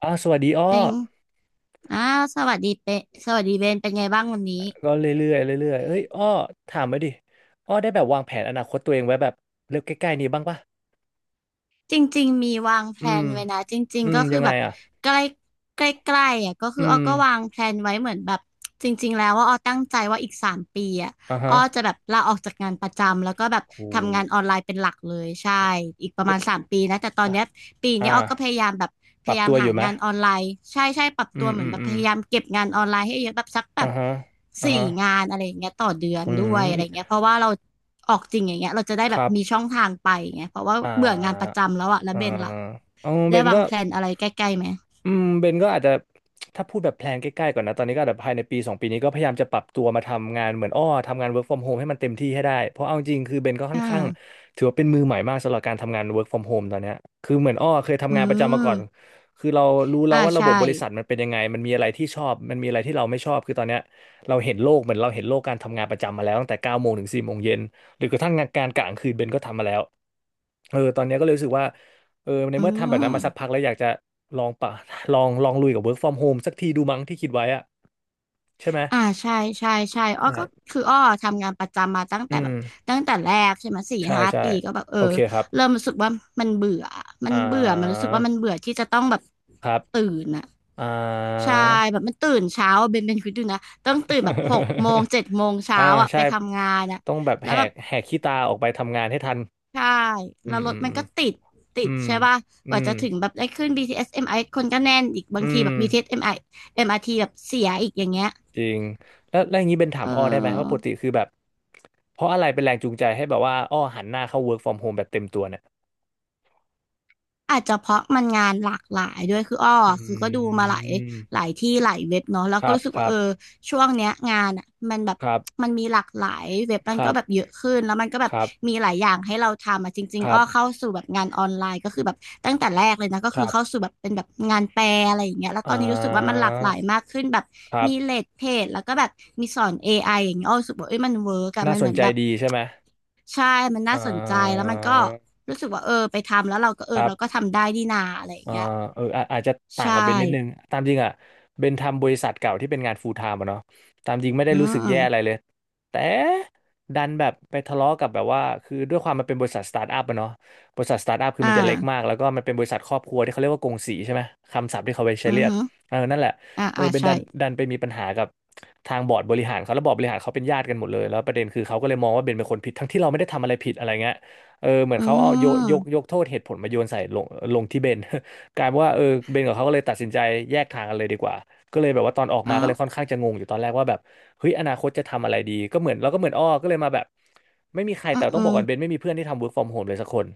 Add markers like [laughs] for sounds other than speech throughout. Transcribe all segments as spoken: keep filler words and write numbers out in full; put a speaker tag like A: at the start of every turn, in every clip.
A: อ๋อสวัสดีอ้อ
B: เป็นอ้าสวัสดีเปะสวัสดีเบนเป็นไงบ้างวันนี้
A: ก็เรื่อยๆเรื่อยๆเอ้ยอ้อถามมาดิอ้อได้แบบวางแผนอนาคตตัวเองไว้แบบเร็วใกล้ๆนี้บ้างปะ
B: จริงๆมีวางแพ
A: อื
B: ล
A: ม
B: นไว้นะจริง
A: อื
B: ๆ
A: ม
B: ก็
A: ยั
B: คือ
A: งไง
B: แบบ
A: อ่ะ
B: ใกล้ใกล้ใกล้ๆอ่ะก็
A: อื
B: คืออ้อ
A: ม
B: ก็วางแพลนไว้เหมือนแบบจริงๆแล้วว่าอ้อตั้งใจว่าอีกสามปีอ่ะ
A: อ่า
B: อ้อ
A: ฮะ
B: จะแบบลาออกจากงานประจำแล้วก็แบบ
A: โอ้
B: ทำงานออนไลน์เป็นหลักเลยใช่อีกประมาณสามปีนะแต่ตอน
A: อ่ะ
B: เนี้ยปี
A: อ่า
B: เนี้ยอ้อก็พยายามแบบพ
A: ปรับ
B: ยายาม
A: ตัวอ
B: หา
A: ยู่ไหม
B: งานออนไลน์ใช่ใช่ปรับ
A: อื
B: ตัว
A: ม
B: เหมื
A: อื
B: อน
A: ม
B: แบบ
A: อื
B: พ
A: ม
B: ยายามเก็บงานออนไล์ให้เยอะแบบสักแบ
A: อ่า
B: บ
A: ฮะอ่า
B: สี่
A: ฮะ
B: งานอะไรอย่างเงี้ยต่อเดือน
A: อื
B: ด้วยอะ
A: ม
B: ไรเงี้ยเพราะว่าเราออกจริงอย่างเงี้ยเราจะได้
A: ค
B: แบบ
A: รับ
B: มีช่องทางไปไงเพราะว่า
A: อ่
B: เบื่องานประ
A: า
B: จำแล้วอะแล้ว
A: อ่า
B: เบนล่ะ
A: เอาเบ
B: ได้
A: น
B: วา
A: ก็
B: งแผนอะไรใกล้ๆไหม
A: อืมเบนก็อาจจะถ้าพูดแบบแพลนใกล้ๆก่อนนะตอนนี้ก็อาจจะภายในปีสองปีนี้ก็พยายามจะปรับตัวมาทำงานเหมือนอ้อทำงาน work from home ให้มันเต็มที่ให้ได้เพราะเอาจริงคือเบนก็ค่
B: อ
A: อนข้าง
B: ่า
A: ถือว่าเป็นมือใหม่มากสำหรับการทำงาน work from home ตอนเนี้ยคือเหมือนอ้อเคย
B: อื
A: ทำงานประจำมา
B: ม
A: ก่อนคือเรารู้แล้
B: อ่า
A: วว่าระบ
B: ใช่
A: บบริษัทมันเป็นยังไงมันมีอะไรที่ชอบมันมีอะไรที่เราไม่ชอบคือตอนเนี้ยเราเห็นโลกเหมือนเราเห็นโลกการทำงานประจำมาแล้วตั้งแต่เก้าโมงถึงสี่โมงเย็นหรือกระทั่งงานการกะกลางคืนเบนก็ทำมาแล้วเออตอนเนี้ยก็เลยรู้สึกว่า เออใน
B: อื
A: เมื่อทำแบบนั้น
B: ม
A: มาสักพักแล้วอยากจะลองปะ [laughs] ลองลองลุยกับ work from home สักทีดูมั้งที่คิดไว้อะใช่ไหม
B: อ่าใช่ใช่ใช่อ้อก็
A: ใช่
B: คืออ้อทำงานประจำมาตั้ง
A: อื
B: แต่แบบ
A: ม
B: ตั้งแต่แรกใช่ไหมสี่
A: ใช่
B: ห้า
A: ใช่
B: ปีก็แบบเออ
A: โอเคครับ
B: เริ่มรู้สึกว่ามันเบื่อมัน
A: อ่า
B: เบื่อมันรู้สึกว่ามันเบื่อที่จะต้องแบบ
A: ครับ
B: ตื่นอะ
A: อ่า
B: ใช่แบบมันตื่นเช้าอะเบนเบนคิดดูนะต้องตื่นแบบหกโมงเจ็ดโมง
A: [laughs]
B: เช้า
A: อ่า
B: อ่ะ
A: ใช่
B: ไปทำงานอ่ะ
A: ต้องแบบ
B: แล้
A: แห
B: วแบ
A: ก
B: บ
A: แหกขี้ตาออกไปทำงานให้ทัน
B: ใช่
A: อื
B: แล้ว
A: ม
B: รถ
A: อื
B: มั
A: ม
B: นก็ติดติดใช่ป่ะก
A: อื
B: ว่า
A: ม
B: จะถึงแบบได้ขึ้น บี ที เอส เอ็ม อาร์ ที คนก็แน่นอีกบา
A: อื
B: งทีแบ
A: ม
B: บ BTS m r เอ็ม อาร์ ที แบบเสียอีกอย่างเงี้ย
A: จริงแล้วแล้วอย่างนี้เป็นถา
B: เอ
A: ม
B: อ
A: อ้อได้ไหมว่าปกติคือแบบเพราะอะไรเป็นแรงจูงใจให้แบบว่าอ้อหันหน้าเข้า work from home แบบเต็มตัวเนี่ย
B: อาจจะเพราะมันงานหลากหลายด้วยคืออ้อ
A: อ
B: คือก็ดู
A: ื
B: มาหลาย
A: ม
B: หลายที่หลายเว็บเนาะแล้ว
A: ค
B: ก็
A: รับ
B: รู้สึก
A: ค
B: ว่า
A: รั
B: เอ
A: บ
B: อช่วงเนี้ยงานอ่ะมันแบบ
A: ครับ
B: มันมีหลากหลายเว็บมั
A: ค
B: น
A: รั
B: ก็
A: บ
B: แบบเยอะขึ้นแล้วมันก็แบ
A: ค
B: บ
A: รับ
B: มีหลายอย่างให้เราทำอ่ะจริ
A: ค
B: งๆ
A: รั
B: อ้
A: บ
B: อเข้าสู่แบบงานออนไลน์ก็คือแบบตั้งแต่แรกเลยนะก็
A: ค
B: คือ
A: รั
B: เข้า
A: บ
B: สู่แบบเป็นแบบงานแปลอะไรอย่างเงี้ยแล้ว
A: อ่
B: ตอนนี้รู้สึกว่ามัน
A: า
B: หลากหลายมากขึ้นแบบ
A: ครั
B: มีเล
A: บ
B: ดเพจแล้วก็แบบมีสอน เอ ไอ อไออย่างเงี้ยอ้อรู้สึกว่าเอ้ยมันเวิร์กอะ
A: น่า
B: มัน
A: ส
B: เห
A: น
B: มือน
A: ใจ
B: แบบ
A: ดีใช่ไหม
B: ใช่ มัน
A: อ่
B: น่าสนใจ แล้ว
A: า
B: มันก็รู้สึกว่าเออไปทำแล้วเราก็เอ
A: ค
B: อ
A: รั
B: เราก็
A: บ
B: ทำได้ดีนาอะไรอย่าง
A: อ่า
B: เงี้ย
A: เอออาอาจจะต่าง
B: ใช่
A: กับเบนนิดนึงตามจริงอ่ะเบนทำบริษัทเก่าที่เป็นงานฟูลไทม์อะเนาะตามจริงไม่ได้
B: อื
A: รู้สึกแย่
B: ม
A: อะไรเลยแต่ดันแบบไปทะเลาะกับแบบว่าคือด้วยความมันเป็นบริษัทสตาร์ทอัพอะเนาะบริษัทสตาร์ทอัพคือ
B: อ่
A: มันจะเล็กมา
B: า
A: กแล้วก็มันเป็นบริษัทครอบครัวที่เขาเรียกว่ากงสีใช่ไหมคำศัพท์ที่เขาไปใช้
B: อื
A: เรี
B: อ
A: ยก
B: ฮึ
A: เออนั่นแหละ
B: อ่า
A: เออ
B: อ่า
A: เบน
B: ใช่
A: ดันดันไปมีปัญหากับทางบอร์ดบริหารเขาแล้วบอร์ดบริหารเขาเป็นญาติกันหมดเลยแล้วประเด็นคือเขาก็เลยมองว่าเบนเป็นคนผิดทั้งที่เราไม่ได้ทำอะไรผิดอะไรเงี้ยเออเหมือน
B: อื
A: เขาเอาโยก
B: ม
A: ยกยกโทษเหตุผลมาโยนใส่ลงลงที่เบน กลายเป็นว่าเออเบนกับเขาก็เลยตัดสินใจแยกทางกันเลยดีกว่าก็เลยแบบว่าตอนออกมา
B: อ้า
A: ก็เล
B: ว
A: ยค่อนข้างจะงงอยู่ตอนแรกว่าแบบเฮ้ยอนาคตจะทำอะไรดีก็เหมือนเราก็เหมือนอ้อก็เลยมาแบบไม่มีใคร
B: อื
A: แต่
B: ม
A: ต้อ
B: อื
A: งบอก
B: ม
A: ก่อนเบนไม่มีเพื่อนที่ทำ work from home เลยสักคน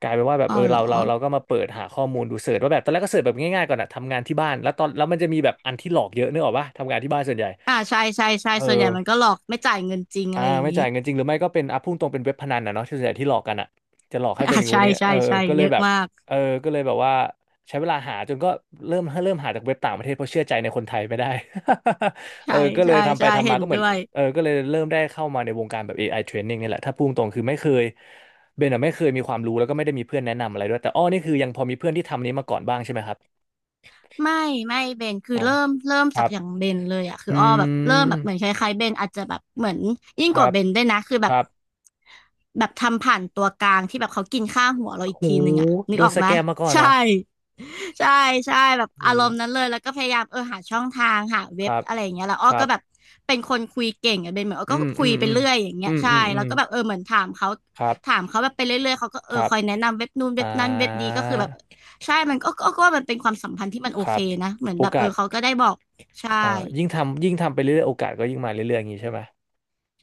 A: กลายเป็นว่าแบบเอ
B: อ้า
A: อ
B: วเหร
A: เรา
B: อ
A: เราเราก็มาเปิดหาข้อมูลดูเสิร์ชว่าแบบตอนแรกก็เสิร์ชแบบง่ายๆก่อนอะทำงานที่บ้านแล้วตอนแล้วมันจะมีแบบอันที่หลอกเยอะนึกออกปะทำงานที่บ้านส่วนใหญ่
B: อ่าใช่ใช่ใช่
A: เอ
B: ส่วนใหญ่
A: อ
B: มันก็หลอกไม่จ่ายเงินจริงอะ
A: อ่า
B: ไรอย่าง
A: ไม่
B: นี้
A: จ่ายเงินจริงหรือไม่ก็เป็นอ่ะพุ่งตรงเป็นเว็บพนันนะเนาะที่ส่วนใหญ่ที่หลอกกันอ่ะจะหลอกให้
B: อ่า
A: เป็นงูน
B: ใช่
A: อย่างเงี้ย
B: ใช่
A: เออ
B: ใช่
A: ก็เล
B: เย
A: ย
B: อะ
A: แบบ
B: มาก
A: เออก็เลยแบบว่าใช้เวลาหาจนก็เริ่มเริ่มหาจากเว็บต่างประเทศเพราะเชื่อใจในคนไทยไม่ได้ [laughs] เออ
B: ใช่
A: ก็เลย
B: ใช่
A: ทำไป
B: ใช่
A: ทำ
B: เห็
A: มา
B: น
A: ก็เหมือ
B: ด้
A: น
B: วย
A: เออก็เลยเริ่มได้เข้ามาในวงการแบบ เอ ไอ training นี่แหละถ้าพุ่งตรงคือไม่เคยเบนอะไม่เคยมีความรู้แล้วก็ไม่ได้มีเพื่อนแนะนำอะไรด้วยแต่อ้อนี่คือยังพอมีเพื่อนที่ทำนี้มาก่อนบ้างใช่ไหมครับ
B: ไม่ไม่เบนคือ
A: อ๋อ
B: เริ่มเริ่ม
A: ค
B: จา
A: รั
B: ก
A: บ
B: อย่างเบนเลยอะคื
A: อื
B: ออ้อแบบเริ่มแบบ
A: ม
B: เหมือนคล้ายๆเบนอาจจะแบบเหมือนยิ่ง
A: ค
B: ก
A: รั
B: ว่า
A: บ
B: เบนด้วยนะคือแบ
A: ค
B: บ
A: รับ
B: แบบทำผ่านตัวกลางที่แบบเขากินค่าหัวเราอีก
A: โห
B: ทีนึงอะนึ
A: โด
B: กอ
A: น
B: อก
A: ส
B: ไหม
A: แก
B: ย
A: มมาก่อนเห
B: ใช่
A: รอ
B: ใช่ใช่แบบอา
A: โอ้
B: รมณ์นั้นเลยแล้วก็พยายามเออหาช่องทางหาเว็
A: ค
B: บ
A: รับ
B: อะไรอย่างเงี้ยแล้วอ้
A: ค
B: อ
A: รั
B: ก็
A: บ
B: แบบเป็นคนคุยเก่งอะเป็นเหมือนอ้อ
A: อื
B: ก็
A: ม
B: คุ
A: อื
B: ย
A: ม
B: ไป
A: อืม
B: เรื่อยอย่างเงี้
A: อื
B: ย
A: ม
B: ใช่
A: อืมอื
B: แล้
A: ม
B: วก็แบบเออเหมือนถามเขา
A: ครับ
B: ถามเขาแบบไปเรื่อยๆเขาก็เอ
A: ค
B: อ
A: รับ
B: คอยแนะนำเว็บนู่นเว็
A: อ่า
B: บนั้นเว็บนี้ก็คือแบบใช่มันก็ก็ก็ว่ามันเป็นความสัมพันธ์ที่มันโอ
A: ครั
B: เค
A: บ
B: นะเหมือน
A: โอ
B: แบบเอ
A: กา
B: อ
A: ส
B: เขาก็ได้บอกใช่
A: เอ่อยิ่งทำยิ่งทำไปเรื่อยๆโอกาสก็ยิ่งมาเรื่อยๆอย่างนี้ใช่ไหม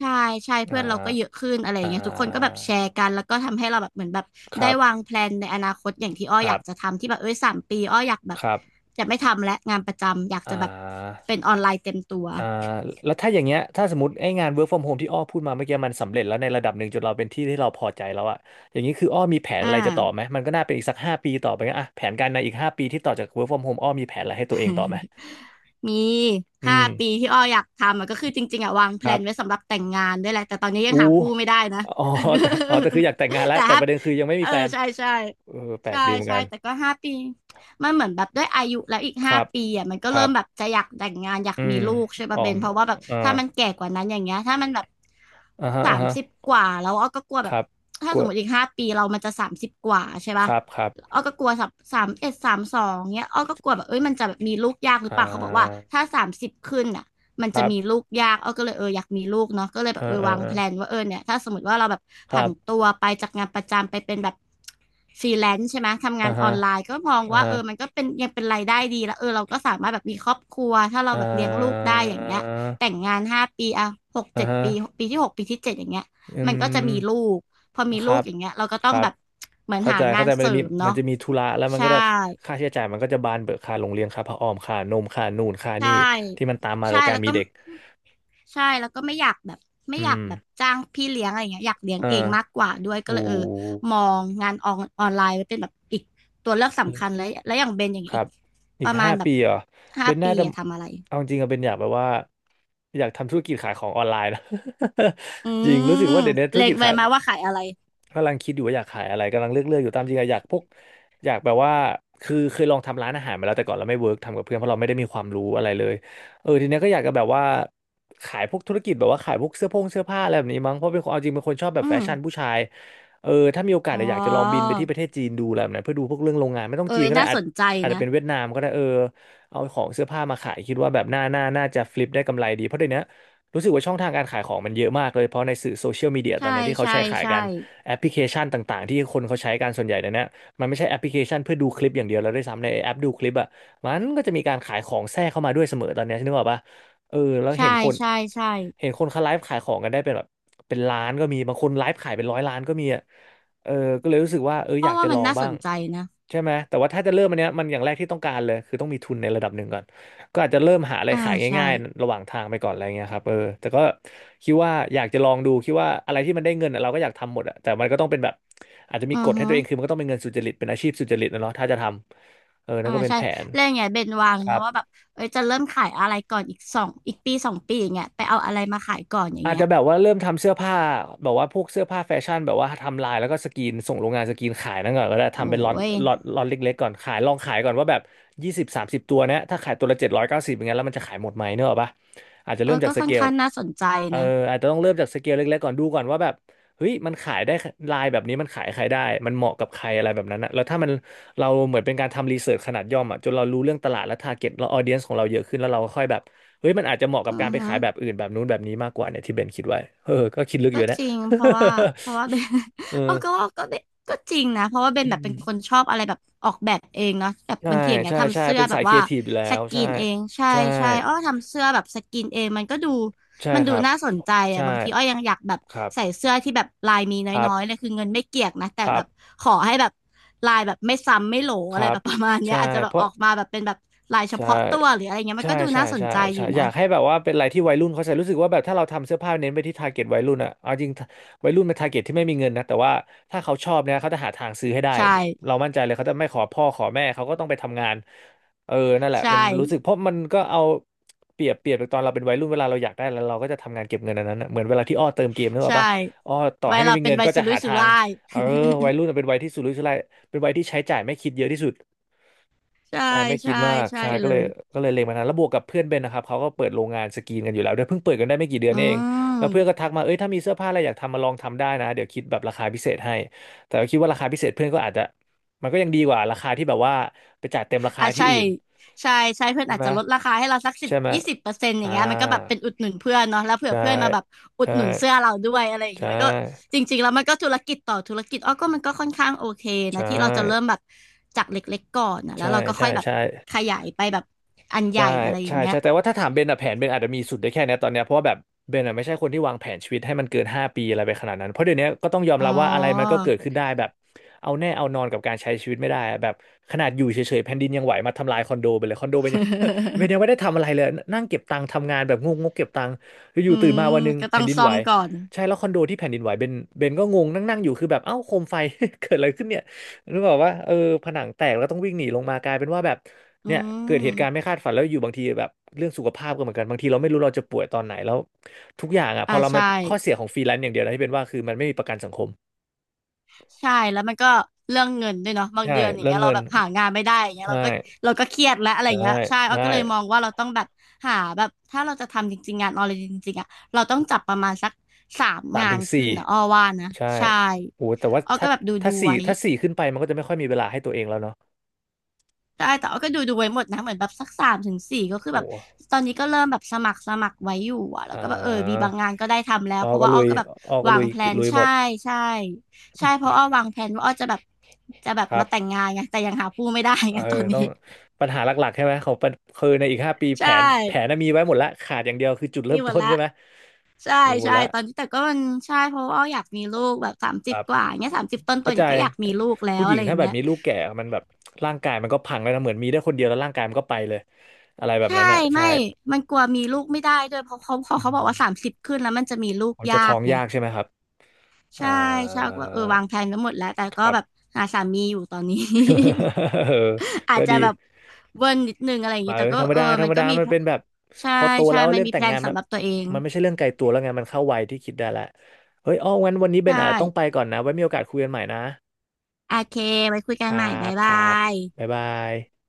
B: ใช่ ใช่
A: อ่า
B: เพื่อนเราก็เยอะขึ้นอะไรอย่า
A: อ่า
B: งเงี้ยทุกคนก็แบบแชร์กัน แล้วก็ทำให้เราแบบเหมือนแบบ
A: ค
B: ได้
A: รับ
B: วางแพลนในอนาคตอย่างที่อ้อ
A: ค
B: อ
A: รั
B: ยากจะ
A: บ
B: ทำที่แบบเอ้ยสามปีอ้ออยากแบบ
A: ครับ
B: จะไม่ทำและงานประจำอยาก
A: อ่
B: จะแบบ
A: า
B: เป็นออนไลน์เต็มตัว
A: อ่าแล้วถ้าอย่างเงี้ยถ้าสมมติไอ้งาน work from home ที่อ้อพูดมาเมื่อกี้มันสำเร็จแล้วในระดับหนึ่งจนเราเป็นที่ที่เราพอใจแล้วอะอย่างนี้คืออ้อมีแผน
B: อ่า
A: อะไรจะต่อไหมมันก็น่าเป็นอีกสักห้าปีต่อไปงั้นอะแผนการในอีกห้าปีที่ต่อจาก work from home อ้อมีแผนอะไรให้ตัวเองต่อไหม
B: มี
A: อื
B: ห้าปี
A: ม
B: ที่อ้ออยากทำอะก็คือจริงๆอะวางแพ
A: ค
B: ล
A: รั
B: นไว้
A: บ
B: สำหรับแต่งงานด้วยแหละแต่ตอนนี้ยั
A: อู้
B: งหาผู้ไม่ได้นะ
A: อ๋อ [laughs] แต่อ๋อแต่คืออยากแต่งงาน
B: [laughs]
A: แล้ว
B: แต่
A: แต่
B: ถ้า
A: ประเด็นคือยังไม่
B: เอ
A: มี
B: อ
A: แฟน
B: ใช่ใช่
A: เออแปล
B: ใช่
A: กดีเหมือน
B: ใช่
A: กัน
B: แต่ก็ห้าปีมันเหมือนแบบด้วยอายุแล้วอีก
A: ค
B: ห้า
A: รับ
B: ปีอ่ะมันก็
A: ค
B: เริ่
A: รั
B: ม
A: บ
B: แบบจะอยากแต่งงานอยาก
A: อื
B: มี
A: ม
B: ลูกใช่
A: อ๋
B: ป่ะ
A: อ
B: เบนเพราะว่าแบบ
A: อ่า
B: ถ้ามันแก่กว่านั้นอย่างเงี้ยถ้ามันแบบ
A: อ่าฮะอ่า
B: สาม
A: ฮะ
B: สิบกว่าแล้วอ้อก็กลัว
A: ค
B: แบบ
A: รับ
B: ถ้า
A: กลั
B: ส
A: ว
B: มมติอีกห้าปีเรามันจะสามสิบกว่าใช่
A: ค
B: ป่ะ
A: รับครับ
B: อ้อก็กลัวสับสามเอ็ดสามสองเนี้ยอ้อก็กลัวแบบเอ้ยมันจะแบบมีลูกยากหรื
A: อ่
B: อเปล่าเขาบอกว่า
A: า
B: ถ้าสามสิบขึ้นอ่ะมัน
A: ค
B: จะ
A: รั
B: มี
A: บ
B: ลูกยากอ้อก็เลยเอออยากมีลูกเนาะก็เลย
A: เอ
B: แบบเอ
A: อ
B: อ
A: เอ
B: วา
A: อ
B: ง
A: เอ
B: แพ
A: อ
B: ลนว่าเออเนี่ยถ้าสมมติว่าเราแบบ
A: ค
B: ผั
A: รั
B: น
A: บ
B: ตัวไปจากงานประจำไปเป็นแบบฟรีแลนซ์ใช่ไหมทำ
A: อ่า
B: งานอ
A: ฮะ
B: อนไลน์ก็มอง
A: อ่า
B: ว่าเอ
A: ฮะ
B: อมันก็เป็นยังเป็นรายได้ดีแล้วเออเราก็สามารถแบบมีครอบครัวถ้าเรา
A: อ่
B: แบบเลี้ยงลูก
A: า
B: ได้อย่างเงี้ยแต่งงานห้าปีอ่ะหก
A: อ่า
B: เจ็ด
A: ฮะ
B: ปีปีที่หกปีที่เจ็ดอย่างเงี้ย
A: อื
B: มันก็จะ
A: ม
B: มีลูก พอมี
A: ค
B: ลู
A: รั
B: ก
A: บ
B: อย่างเงี้ยเราก็
A: ค
B: ต้อง
A: รับ
B: แบบเหมือน
A: เข้า
B: หา
A: ใจ
B: งา
A: เข้า
B: น
A: ใจมั
B: เส
A: น
B: ริ
A: จะมี
B: ม
A: มั
B: เนาะ
A: นจะมีธุระแล้วมัน
B: ใช่
A: ก็จะค่าใช้จ่ายมันก็จะบานเบิกค่าโรงเรียนค่าผ้าอ้อมค่านมค่านู่นค่านี่
B: ใช่
A: ที่มันตามมากั
B: ใช่
A: บการ
B: แล้ว
A: มี
B: ก็
A: เด็ก
B: ใช่แล้วก็ไม่อยากแบบไม่
A: อื
B: อยาก
A: ม
B: แบบจ้างพี่เลี้ยงอะไรเงี้ยอยากเลี้ยง
A: อ่า
B: เองมากกว่าด้วยก็
A: โอ้
B: เลยเออมองงานออนออนไลน์ไว้เป็นแบบอีกตัวเลือก
A: นี่
B: สำคัญแล้วแล้วอย่างเบนอย่าง
A: ค
B: เงี้ย
A: รั
B: อีก
A: บ อี
B: ป
A: ก
B: ระมาณ
A: ห้า
B: แบบ
A: ปีเหรอ
B: ห้า
A: เบน
B: ปี
A: น่าจะ
B: อะทำอะไร
A: เอาจริงอะเบนอยากแบบว่า อยากทำธุรกิจขายของออนไลน์นะ
B: อื
A: [laughs] จริงรู้สึก
B: ม
A: ว่าเดี๋ยวนี้ธุร
B: เล็
A: กิ
B: ง
A: จ
B: ไว้
A: ขาย
B: มาว่าขายอะไร
A: กำลังคิดอยู่ว่าอยากขายอะไรกำลังเลือกเลือกอยู่ตามจริงอะอยากพวกอยากแบบว่าคือเคยลองทำร้านอาหารมาแล้วแต่ก่อนเราไม่เวิร์กทำกับเพื่อนเพราะเราไม่ได้มีความรู้อะไรเลยเออทีเนี้ยก็อยากจะแบบว่าขายพวกธุรกิจแบบว่าขายพวกเสื้อผงเสื้อผ้าอะไรแบบนี้มั้งเพราะเป็นคนเอาจริงเป็นคนชอบแบบ
B: อื
A: แฟ
B: ม
A: ชั่นผู้ชายเออถ้ามีโอกาส
B: อ๋อ
A: อะอยากจะลองบินไปที่ประเทศจีนดูอะไรแบบนั้นเพื่อดูพวกเรื่องโรงงานไม่ต้อง
B: เอ้
A: จีน
B: ย
A: ก็ได้
B: น่า
A: อา
B: ส
A: จ
B: นใจ
A: อาจจะ
B: นะ
A: เป็นเวียดนามก็ได้เออเอาของเสื้อผ้ามาขายคิดว่าแบบหน้าหน้าน่าจะฟลิปได้กำไรดีเพราะเดี๋ยวนี้รู้สึกว่าช่องทางการขายของมันเยอะมากเลยเพราะในสื่อโซเชียลมีเดียตอ
B: ใช่
A: นนี้ที่เขา
B: ใช่
A: ใช้ขาย
B: ใช่
A: กัน แอปพลิเคชันต่างๆที่คนเขาใช้กันส่วนใหญ่เดี๋ยวนี้มันไม่ใช่แอปพลิเคชันเพื่อดูคลิปอย่างเดียวแล้วด้วยซ้ำในแอปดูคลิปอ่ะมันก็จะมีการขายของแทรกเข้ามาด้วยเสมอตอนเนี้ยนึกออกปะเออแล้วเห็น
B: ใช่
A: คน
B: ใช่ใช่
A: เห็นคนเขาไลฟ์ขายของกันได้เป็นแบบเป็นล้านก็มีบางคนไลฟ์ขายเป็นร้อยล้านก็มีอ่ะเออก็เลยรู้สึกว่าเออ
B: อ้
A: อ
B: อ
A: ยากจะ
B: ว่า
A: ล
B: มัน
A: อง
B: น่าส
A: บ้าง
B: นใจนะ
A: ใช่ไหมแต่ว่าถ้าจะเริ่มอันเนี้ยมันอย่างแรกที่ต้องการเลยคือต้องมีทุนในระดับหนึ่งก่อนก็อาจจะเริ่มหาอะไร
B: อ่า
A: ขาย
B: ใช่
A: ง่ายๆระหว่างทางไปก่อนอะไรเงี้ยครับเออแต่ก็คิดว่าอยากจะลองดูคิดว่าอะไรที่มันได้เงินอะเราก็อยากทำหมดอะแต่มันก็ต้องเป็นแบบอาจจะมี
B: อื
A: ก
B: อ
A: ฎให้
B: ฮึ
A: ตัวเองคือมันก็ต้องเป็นเงินสุจริตเป็นอาชีพสุจริตนะเนาะถ้าจะทำเออนั่
B: อ่า
A: นก็เป็น
B: ใช่
A: แผน
B: แล้วอย่างเงี้ยเบนวาง
A: ครั
B: นะ
A: บ
B: ว่าแบบเอ้ยจะเริ่มขายอะไรก่อนอีกสองอีกปีสองปีอย่างเงี้ยไปเอาอะไรมาขายก่อนอย่าง
A: อาจ
B: เงี้ย
A: จะแบบว่าเริ่มทำเสื้อผ้าแบบว่าพวกเสื้อผ้าแฟชั่นแบบว่าทำลายแล้วก็สกรีนส่งโรงงานสกรีนขายนั่นก่อนก็ได้ทำเป็นล็อต
B: โอ้ย
A: ล็อตล็อตเล็กๆก่อนขายลองขายก่อนว่าแบบยี่สิบสามสิบตัวเนี้ยถ้าขายตัวละเจ็ดร้อยเก้าสิบอย่างเงี้ยแล้วมันจะขายหมดไหมเนกอะปะอาจจะ
B: เอ
A: เริ่ม
B: อ
A: จา
B: ก็
A: กส
B: ค่อ
A: เก
B: น
A: ล
B: ข้างน่าสนใจ
A: เออ
B: นะ
A: อาจจะต้องเริ่มจากสเกลเล็กๆก่อนดูก่อนว่าแบบเฮ้ยมันขายได้ลายแบบนี้มันขายใครได้มันเหมาะกับใครอะไรแบบนั้นนะแล้วถ้ามันเราเหมือนเป็นการทำรีเสิร์ชขนาดย่อมอ่ะจนเรารู้เรื่องตลาดและทาร์เก็ตและออเดียนส์ของเราเยอะขึ้นแล้วเราก็ค่อยแบบ เฮ้ยมันอาจจะเหมาะกั
B: อื
A: บการ
B: อ
A: ไป
B: ฮึ
A: ขายแบบอื่นแบบนู้นแบบนี้มากกว่าเนี่ยที่เบนคิดไว้เออก็คิดลึกอ
B: ก็
A: ยู่นะ
B: จริงเพราะว่าเพราะว่าเบน
A: [laughs] เออ
B: [laughs] เออก็ว่าก็เบนก็จริงนะเพราะว่าเบน
A: อื
B: แบบ
A: ม
B: เป็นคนชอบอะไรแบบออกแบบเองเนาะแบบ
A: ใช่
B: บางทีอย่างเงี้ย
A: ใช่
B: ทำ
A: ใช่
B: เสื้อ
A: เป็น
B: แบ
A: สา
B: บ
A: ยครี
B: ว่า
A: เอทีฟอยู่แล้
B: ส
A: ว
B: กรี
A: ใช่
B: นเองใช่
A: ใช่
B: ใช่อ้อทำเสื้อแบบสกรีนเองมันก็ดู
A: ใช่
B: มัน
A: ค
B: ดู
A: รับ
B: น่าสนใจอ่ะ
A: ใช่
B: บางทีอ้อยังอยากแบบ
A: ครับ
B: ใส่เสื้อที่แบบลายมี
A: ครั
B: น้อยๆเล
A: บ
B: ยคือเงินไม่เกี่ยงนะแต่
A: ครั
B: แบ
A: บ
B: บขอให้แบบลายแบบไม่ซ้ำไม่โหล
A: ค
B: อะไร
A: รับครับ
B: แบบประมาณเนี้
A: ใช่
B: ยอาจจะแบ
A: เพ
B: บอ
A: ราะ
B: อกมาแบบเป็นแบบลายเฉ
A: ใช่
B: พาะตัวหรืออะไรเงี้ยมั
A: ใช่
B: นก็ดู
A: ใช่
B: น่าสน
A: ใช่
B: ใจอ
A: ใช่
B: ยู่
A: อ
B: นะ
A: ยากให้แบบว่าเป็นอะไรที่วัยรุ่นเขาใส่รู้สึกว่าแบบถ้าเราทำเสื้อผ้าเน้นไปที่ทาร์เก็ตวัยรุ่นอะเอาจริงวัยรุ่นเป็นทาร์เก็ตที่ไม่มีเงินนะแต่ว่าถ้าเขาชอบเนี่ยเขาจะหาทางซื้อให้ได้
B: ใช่
A: เรามั่นใจเลยเขาจะไม่ขอพ่อขอแม่เขาก็ต้องไปทำงานเออนั่นแหละ
B: ใช่
A: มันรู้สึกเพราะมันก็เอาเปรียบเปรียบตอนเราเป็นวัยรุ่นเวลาเราอยากได้แล้วเราก็จะทำงานเก็บเงินอันนั้นนะเหมือนเวลาที่อ้อเติมเกมนึกออก
B: ใช่
A: ปะอ้อต่อ
B: ไวั
A: ให้
B: ย
A: ไม่
B: เรา
A: มี
B: เป็น
A: เงิน
B: ไวัย
A: ก็
B: สุ
A: จะ
B: รุ่
A: หา
B: ยสุ
A: ทาง
B: ร่าย
A: เออ
B: [laughs]
A: วัยรุ่นเป็นวัยที่สุรุ่ยสุร่ายเป็นวัยที่ใช้จ่ายไม่คิดเยอะที่สุด
B: ใช่
A: ใช่ไม่คิ
B: ใช่
A: ดมาก
B: ใช่
A: ใช่ก็
B: เล
A: เลย
B: ย
A: ก็เลยเล็งมาทานแล้วบวกกับเพื่อนเบนนะครับเขาก็เปิดโรงงานสกรีนกันอยู่แล้วด้วยเพิ่งเปิดกันได้ไม่กี่เดือน
B: อื
A: นี่เองแล้วเพื่อนก็
B: ม
A: ทักมาเอ้ยถ้ามีเสื้อผ้าอะไรอยากทำมาลองทำได้นะเดี๋ยวคิดแบบราคาพิเศษให้แต่ก็คิดว่าราคาพิเศษเพื่อนก็อาจจะมันก็ยังดีกว่าราคาที่แบบว่าไปจ่ายเต็มราคา
B: อ่ะ
A: ที่
B: ใช่
A: อื่น
B: ใช่ใช่เพื่อน
A: ใช่
B: อาจ
A: ไหม
B: จะลดราคาให้เราสักสิบ
A: ใช่ไหม
B: ยี่สิบเปอร์เซ็นต์อย่า
A: อ่า
B: งเงี้ยมันก็แบบเป็นอุดหนุนเพื่อนเนาะแล้วเผื่อ
A: ใช่
B: เพื่อนมาแบบอุด
A: ใช่
B: หนุนเสื้อเราด้วยอะไรอย่าง
A: ใช่
B: เงี้ยมันก็จริงๆแล้วมันก็ธุรกิจต่อธุรกิจอ้อก็มันก็ค่อนข้างโอเคนะ
A: ใช่
B: ที่เราจะเริ่มแบบจากเล็กๆก่อนนะแล้
A: ใช่
B: วเราก็ค่
A: ใช่
B: อยแบบ
A: ใช่
B: ขยายไปแบบอันให
A: ใช่
B: ญ่อะไรอ
A: ใช่
B: ย่างเงี้ย
A: ใช่แต่ว่าถ้าถามเบนอะแผนเบนอาจจะมีสุดได้แค่เนี้ยตอนเนี้ยเพราะว่าแบบเบนอะไม่ใช่คนที่วางแผนชีวิตให้มันเกินห้าปีอะไรไปขนาดนั้นเพราะเดี๋ยวนี้ก็ต้องยอม
B: อ๋อ
A: รับว่าอะไรมันก็เกิดขึ้นได้แบบเอาแน่เอานอนกับการใช้ชีวิตไม่ได้อะแบบขนาดอยู่เฉยๆแผ่นดินยังไหวมาทำลายคอนโดไปเลยคอนโดเบนยัง [laughs] เป็นยังไม่ได้ทำอะไรเลยนั่งเก็บตังค์ทำงานแบบงงกๆเก็บตังค์อ
B: [laughs] อื
A: ยู่ๆตื่น
B: ม
A: มาวันหนึง
B: ก็ต้
A: แผ่
B: อ
A: น
B: ง
A: ดิน
B: ซ่อ
A: ไหว
B: มก่อน
A: ใช่แล้วคอนโดที่แผ่นดินไหวเบนเบนก็งงนั่งๆอยู่คือแบบเอ้าโคมไฟ [laughs] เกิดอะไรขึ้นเนี่ยนึกออกว่าเออผนังแตกแล้วต้องวิ่งหนีลงมากลายเป็นว่าแบบ
B: อื
A: เนี่ยเกิดเหตุการณ์ไม่
B: ม
A: คาดฝันแล้วอยู่บางทีแบบเรื่องสุขภาพก็เหมือนกันบางทีเราไม่รู้เราจะป่วยตอนไหนแล้วทุกอย่างอ่ะพ
B: อ่า
A: อเรามัน
B: ใช่
A: ข้อเสียของฟรีแลนซ์อย่างเดียวนะที่เป็นว่าคือมันไม่มีประกันสังคม
B: ใช่แล้วมันก็เรื่องเงินด้วยเนาะบาง
A: ใช่
B: เดือนอย่าง
A: เรื่อ
B: เงี้
A: ง
B: ยเรา
A: เงิน
B: แบบหางานไม่ได้อย่างเงี้ย
A: ใช่
B: เราก็เราก็เครียดแล้วอะไร
A: ใช่
B: เงี้ยใช่เอา
A: ใช่
B: ก็เลยมองว่าเราต้องแบบหาแบบถ้าเราจะทำจริงๆงานออนไลน์จริงๆอ่ะเราต้องจับประมาณสักสาม
A: สาม
B: งา
A: ถึ
B: น
A: งสี่
B: ขึ้นนะอ้อว่านะ
A: ใช่
B: ใช่
A: โหแต่ว่า
B: อ้อก็
A: ถ้า
B: แบบดูดู
A: ถ้าสี่
B: ไว้
A: ถ้าสี่ขึ้นไปมันก็จะไม่ค่อยมีเวลาให้ตัวเองแล้วเนาะ
B: ได้แต่ว่าก็ดูดูไว้หมดนะเหมือนแบบสักสามถึงสี่ก็คือแบบ
A: โห
B: ตอนนี้ก็เริ่มแบบสมัครสมัครไว้อยู่อะแล้ว
A: อ่า
B: ก็แบบเออมีบางงานก็ได้ทำแล้
A: อ
B: ว
A: อ
B: เพราะ
A: ก็
B: ว่า
A: ลุ
B: อ้อ
A: ย
B: ก็แบบ
A: ออก็
B: วา
A: ลุ
B: ง
A: ย
B: แพล
A: กิจ
B: น
A: ลุยหม
B: ใช่
A: ด
B: ใช่ใช่เพราะอ้อวางแพลนว่าอ้อจะแบบจะแบบ
A: ครั
B: มา
A: บ
B: แต่งงานไงแต่ยังหาผู้ไม่ได้
A: เอ
B: ไง
A: อ
B: ตอน
A: ต้
B: นี้
A: องปัญหาหลักๆใช่ไหมของปัญคือในอีกห้าปีแผ
B: ใช่
A: นแผนน่ะมีไว้หมดละขาดอย่างเดียวคือจุดเริ่
B: มี
A: ม
B: หม
A: ต้
B: ด
A: น
B: ละ
A: ใช่ไหม
B: ใช่
A: มีหมด
B: ใช่
A: ละ
B: ตอนนี้แต่ก็มันใช่เพราะว่าอ้ออยากมีลูกแบบสาม
A: ค
B: สิบ
A: รับ
B: กว่าอย่างเงี้ยสามสิบต้
A: เข้า
B: นๆอ
A: ใจ
B: ย่างเงี้ยก็อยากมีลูกแล้
A: ผู้
B: ว
A: หญิ
B: อะ
A: ง
B: ไรอ
A: ถ้า
B: ย่าง
A: แบบ
B: เงี้ย
A: มีลูกแก่มันแบบร่างกายมันก็พังแล้วนะเหมือนมีได้คนเดียวแล้วร่างกายมันก็ไปเลยอะไรแบบ
B: ใช่
A: นั้นอ่ะใช่
B: ไม่มันกลัวมีลูกไม่ได้ด้วยเพราะเขาเพราะเขาบอกว่าสามสิบขึ้นแล้วมันจะมีลูก
A: ผมจะ
B: ยา
A: ท้อ
B: ก
A: ง
B: ไง
A: ยากใช่ไหมครับ
B: ใช่
A: อ่
B: ใช่
A: า
B: ก็แบบเออวางแผนไว้หมดแล้วแต่
A: ค
B: ก็
A: รับ
B: แบบหาสามีอยู่ตอนนี้
A: [laughs] เออ
B: [laughs] อา
A: ก็
B: จจะ
A: ดี
B: แบบเวิร์นนิดนึงอะไรอย่างเงี้
A: มา
B: ย
A: เอ
B: แต่
A: อ
B: ก็
A: ธรรม
B: เออ
A: ดาธร
B: มั
A: ร
B: น
A: ม
B: ก็
A: ดา
B: มี
A: มั
B: แพ
A: น
B: ล
A: เป็
B: น
A: นแบบ
B: ใช่
A: พอโต
B: ใช่
A: แล้ว
B: มัน
A: เรื่อง
B: มี
A: แต่
B: แพล
A: ง
B: น
A: งานมั
B: สำ
A: น
B: หรับตัวเอง
A: มันไม่ใช่เรื่องไกลตัวแล้วไงมันเข้าวัยที่คิดได้แล้วเฮ้ยอ้องั้นวันนี้เบ
B: ใช
A: นอาจจะต้องไป
B: ่
A: ก่อนนะไว้มีโอกาสคุยกันใหม่นะ
B: โอเคไว้คุย
A: ค
B: กัน
A: รั
B: ใหม่
A: บ
B: บ๊าย
A: ค
B: บา
A: รับ
B: ย
A: บ๊ายบาย